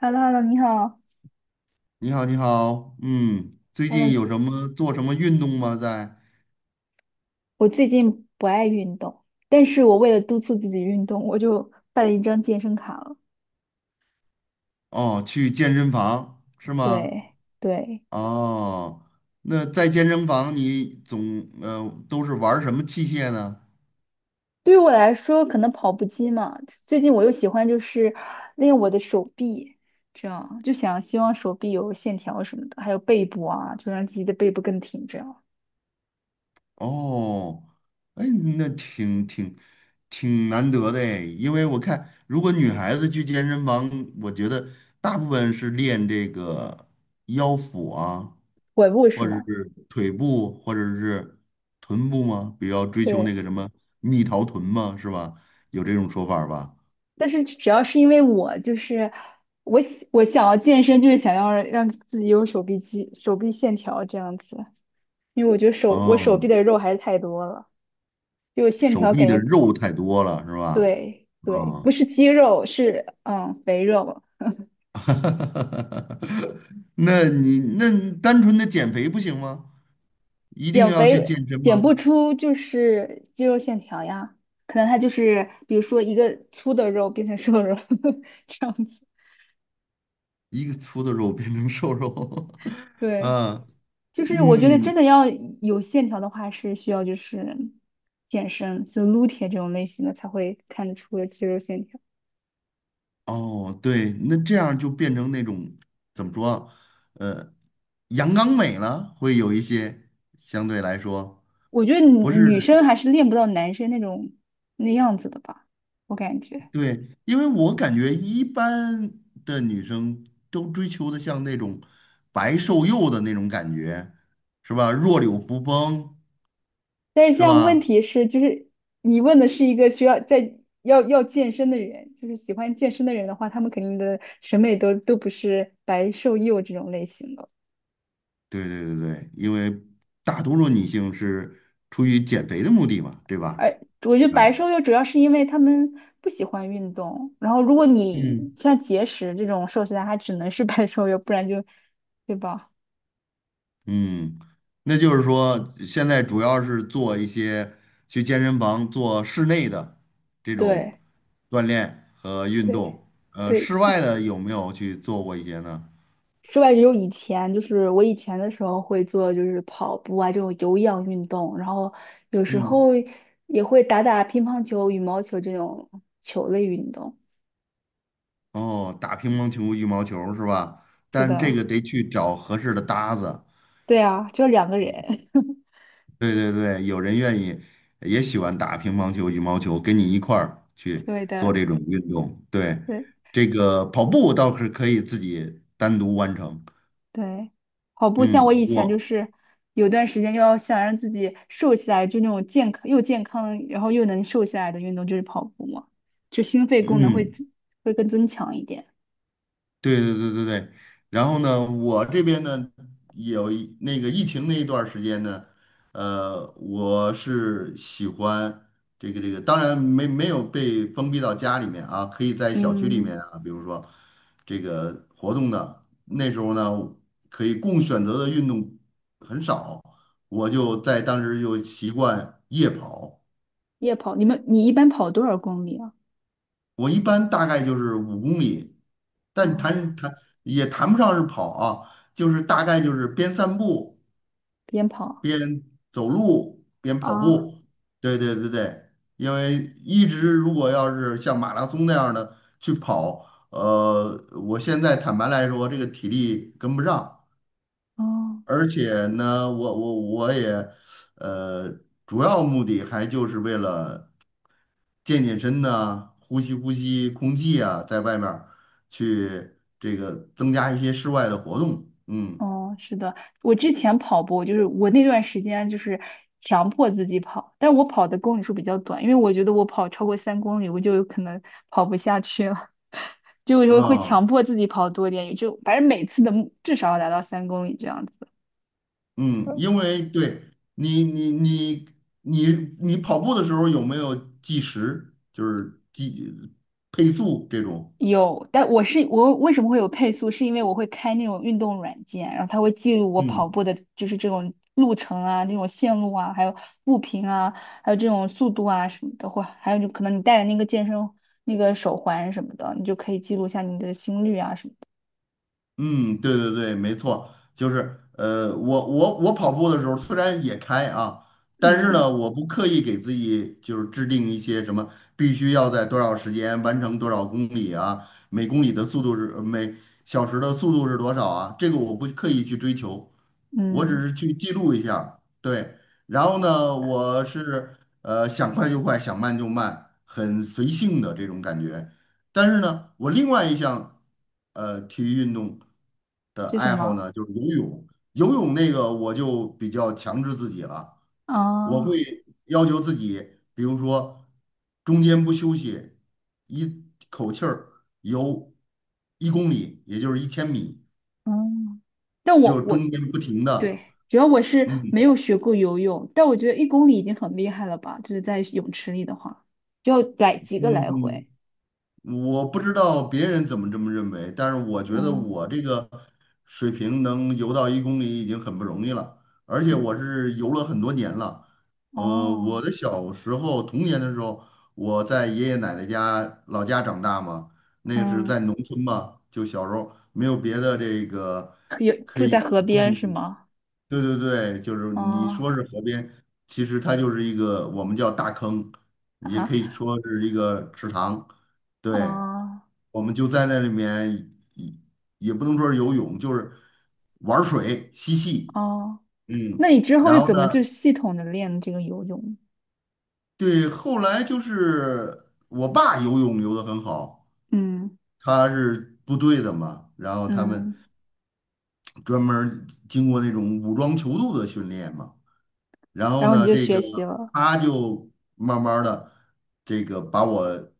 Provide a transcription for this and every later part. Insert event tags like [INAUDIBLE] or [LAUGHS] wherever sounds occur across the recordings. h e l l o h e l l o 你好你好，你好，最近，Hello，有什么做什么运动吗？在我最近不爱运动，但是我为了督促自己运动，我就办了一张健身卡了。哦，去健身房是吗？对对，哦，那在健身房你总都是玩儿什么器械呢？对于我来说，可能跑步机嘛，最近我又喜欢就是练我的手臂，这样就想希望手臂有线条什么的，还有背部啊，就让自己的背部更挺，这样哦，哎，那挺难得的哎因为我看如果女孩子去健身房，我觉得大部分是练这个腰腹啊，腿部是或者吗？是腿部，或者是臀部吗？比较追求对，那个什么蜜桃臀吗？是吧？有这种说法儿吧？但是主要是因为我就是我想要健身，就是想要让自己有手臂肌、手臂线条这样子。因为我觉得我手哦，臂的肉还是太多了，就线手条臂感的觉肉太多了，是吧？对对，啊、不是肌肉是肥肉，[LAUGHS] 那你那单纯的减肥不行吗？一定减要去肥健身减吗？不出就是肌肉线条呀，可能它就是比如说一个粗的肉变成瘦肉 [LAUGHS] 这样子，一个粗的肉变成瘦肉，[LAUGHS] 对，啊，就是我觉得嗯，真的要有线条的话是需要就是健身，就撸铁这种类型的才会看得出肌肉线条，哦，对，那这样就变成那种怎么说啊？呃。阳刚美了，会有一些相对来说我觉得女不是女生还是练不到男生那种那样子的吧，我感觉。对，因为我感觉一般的女生都追求的像那种白瘦幼的那种感觉，是吧？弱柳扶风，但是是像问吧？题是，就是你问的是一个需要要健身的人，就是喜欢健身的人的话，他们肯定的审美都不是白瘦幼这种类型的。对，因为大多数女性是出于减肥的目的嘛，对吧？而我觉得白啊，瘦幼主要是因为他们不喜欢运动，然后如果嗯，你像节食这种瘦下来，他只能是白瘦幼，不然就，对吧？嗯，那就是说，现在主要是做一些去健身房做室内的这种对锻炼和运对动，呃，对，室外的有没有去做过一些呢？室外只有以前，就是我以前的时候会做，就是跑步啊这种有氧运动，然后有时嗯，候也会打打乒乓球、羽毛球这种球类运动。哦，打乒乓球、羽毛球是吧？是但这的，个得去找合适的搭子。对啊，就两个人，对，有人愿意，也喜欢打乒乓球、羽毛球，跟你一块儿 [LAUGHS] 去对做的，这种运动。对，对这个跑步倒是可以自己单独完成。对。跑步像我嗯，以前就我是有段时间就要想让自己瘦下来，就那种健康又健康，然后又能瘦下来的运动就是跑步嘛，就心肺功能会嗯，会更增强一点。对。然后呢，我这边呢，有一那个疫情那一段儿时间呢，我是喜欢这个，当然没有被封闭到家里面啊，可以在小区里嗯，面啊，比如说这个活动的，那时候呢，可以供选择的运动很少，我就在当时就习惯夜跑。夜跑，你们你一般跑多少公里啊？我一般大概就是五公里，但哦，谈谈也谈不上是跑啊，就是大概就是边散步边跑边走路边跑啊，步。对，因为一直如果要是像马拉松那样的去跑，我现在坦白来说，这个体力跟不上，哦而且呢，我也，呃，主要目的还就是为了。健身呐、呼吸空气啊，在外面儿去这个增加一些室外的活动。嗯哦，是的，我之前跑步就是我那段时间就是强迫自己跑，但我跑的公里数比较短，因为我觉得我跑超过三公里我就有可能跑不下去了，[LAUGHS] 就有时会强啊迫自己跑多点，也就反正每次的目至少要达到三公里这样子。嗯，因为对你你你你你跑步的时候有没有计时，就是计配速这种？有，但我是我为什么会有配速，是因为我会开那种运动软件，然后它会记录我跑嗯步的，就是这种路程啊、那种线路啊，还有步频啊，还有这种速度啊什么的，或还有就可能你戴的那个健身那个手环什么的，你就可以记录下你的心率啊什么的。嗯，对，没错，就是我跑步的时候虽然也开啊，但是呢，嗯我不刻意给自己就是制定一些什么必须要在多少时间完成多少公里啊，每小时的速度是多少啊，这个我不刻意去追求，我只嗯，是去记录一下儿对，然后呢，我想快就快，想慢就慢，很随性的这种感觉。但是呢，我另外一项体育运动的这什爱好么？呢，就是游泳。游泳那个我就比较强制自己了，我会啊要求自己，比如说中间不休息，一口气儿游一公里，也就是1000米，嗯，但我就我中间不停对，的，主要我是嗯没有学过游泳，但我觉得1公里已经很厉害了吧，就是在泳池里的话，就要来几个来嗯，回。我不知道别人怎么这么认为，但是我觉得嗯我这个水平能游到一公里已经很不容易了，而且嗯我是游了很多年了。呃，我哦的小时候童年的时候，我在爷爷奶奶家老家长大嘛，那个是嗯，在农村嘛，就小时候没有别的这个有可住在河以边供是吗？对，就是你哦说是河边，其实它就是一个我们叫大坑，也可以啊说是一个池塘。对，哦我们就在那里面，也也不能说是游泳，就是玩水嬉戏，哦，嗯，那你之后然是后怎呢，么就系统的练这个游泳？对，后来就是我爸游泳游得很好，嗯他是部队的嘛，然后他们嗯，专门儿经过那种武装泅渡的训练嘛，然后然后你呢，就这学个习了，他就慢慢的这个把我。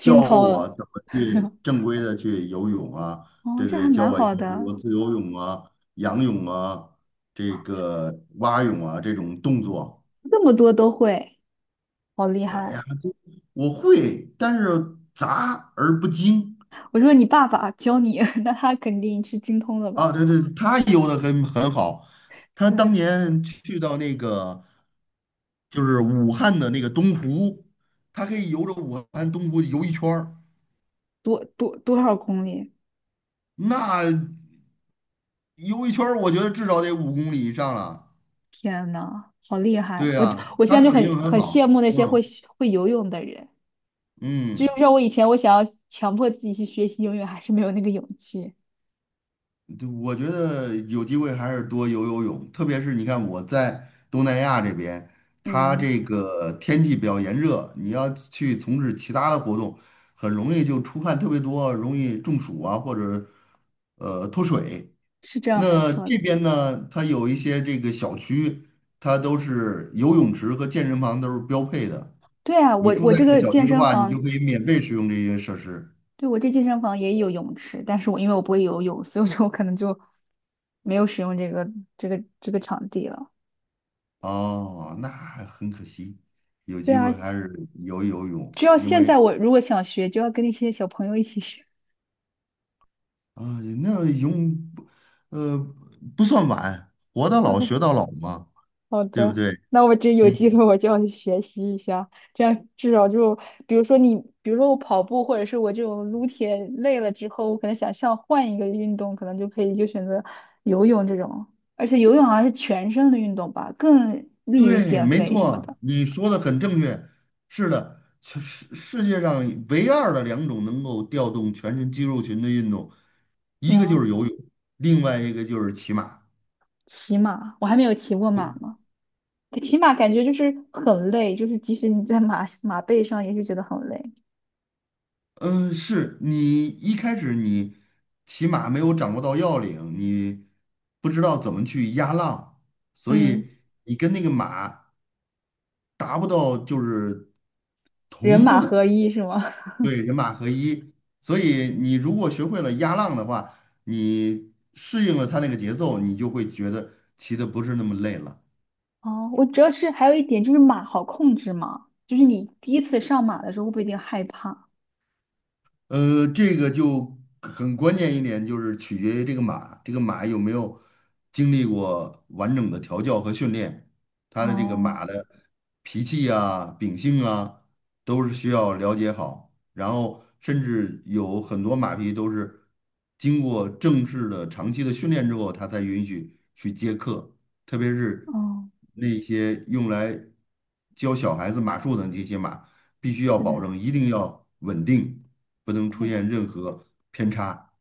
教陶了。我怎么去正规的去游泳啊，哦，对这还对，教蛮我一好些比如说的，自由泳啊、仰泳啊、这个蛙泳啊这种动作。这么多都会，好厉呃哎害！呀，这我会，但是杂而不精我说你爸爸教你，[LAUGHS] 那他肯定是精通了吧？啊。对对，他游的很好，他对，当年去到那个就是武汉的那个东湖，他可以游着武汉东湖游一圈儿，多少公里？那游一圈儿我觉得至少得五公里以上了。天呐，好厉害！对我就呀，我它现在的就水性很很很好。羡慕那些嗯会游泳的人。就嗯，像我以前，我想要强迫自己去学习游泳，还是没有那个勇气。对我觉得有机会还是多游游泳，特别是你看我在东南亚这边，它嗯，这个天气比较炎热，你要去从事其他的活动，很容易就出汗特别多，容易中暑啊，或者脱水。是这样，没那错这的。边呢，它有一些这个小区，它都是游泳池和健身房都是标配的。对啊，你我住我在这这个个小健区的身话，你就房，可以免费使用这些设施。对我这健身房也有泳池，但是我因为我不会游泳，所以说我可能就没有使用这个场地了。哦，那还很可惜，有对机啊，会还是游游泳，只要因现在为我如果想学，就要跟那些小朋友一起学。啊，那泳不呃，不算晚，活到老学到老嘛，好对不的，对？那我这有机嗯，会我就要去学习一下，这样至少就比如说你，比如说我跑步或者是我这种撸铁累了之后，我可能想像换一个运动，可能就可以就选择游泳这种，而且游泳好像是全身的运动吧，更利于对，减没肥什么错，的，你说的很正确，是的，世世世界上唯二的两种能够调动全身肌肉群的运动，是一个就吗？是游泳，另外一个就是骑马。骑马，我还没有骑过马呢，骑马感觉就是很累，就是即使你在马背上也是觉得很累，嗯，是你一开始骑马没有掌握到要领，你不知道怎么去压浪，所嗯，以你跟那个马达不到就是人同马合步，一是吗？[LAUGHS] 对，人马合一。所以你如果学会了压浪的话，你适应了它那个节奏，你就会觉得骑的不是那么累了。哦，我主要是还有一点就是马好控制嘛，就是你第一次上马的时候会不会有点害怕？这个就很关键一点，就是取决于这个马，这个马有没有经历过完整的调教和训练，它的这个哦马的脾气啊、秉性啊，都是需要了解好。然后，甚至有很多马匹都是经过正式的长期的训练之后，它才允许去接客，特别是哦，那些用来教小孩子马术的这些马。必须要是保的，证，一定要稳定，不能出对现任何偏差。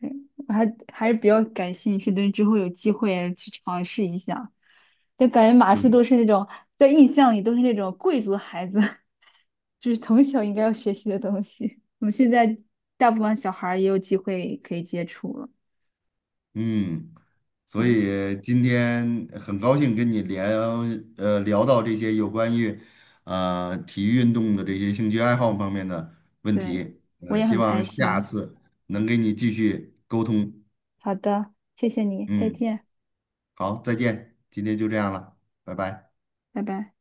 对，我还是比较感兴趣的，之后有机会去尝试一下。就感觉马术对，都是那种在印象里都是那种贵族孩子，[LAUGHS] 就是从小应该要学习的东西。我们现在大部分小孩儿也有机会可以接触了，嗯，所对以今天很高兴跟你聊，聊到这些有关于，体育运动的这些兴趣爱好方面的问对，题。我也希很望开下心。次能给你继续。好的，谢谢你，再嗯，见，好，再见，今天就这样了，拜拜。拜拜。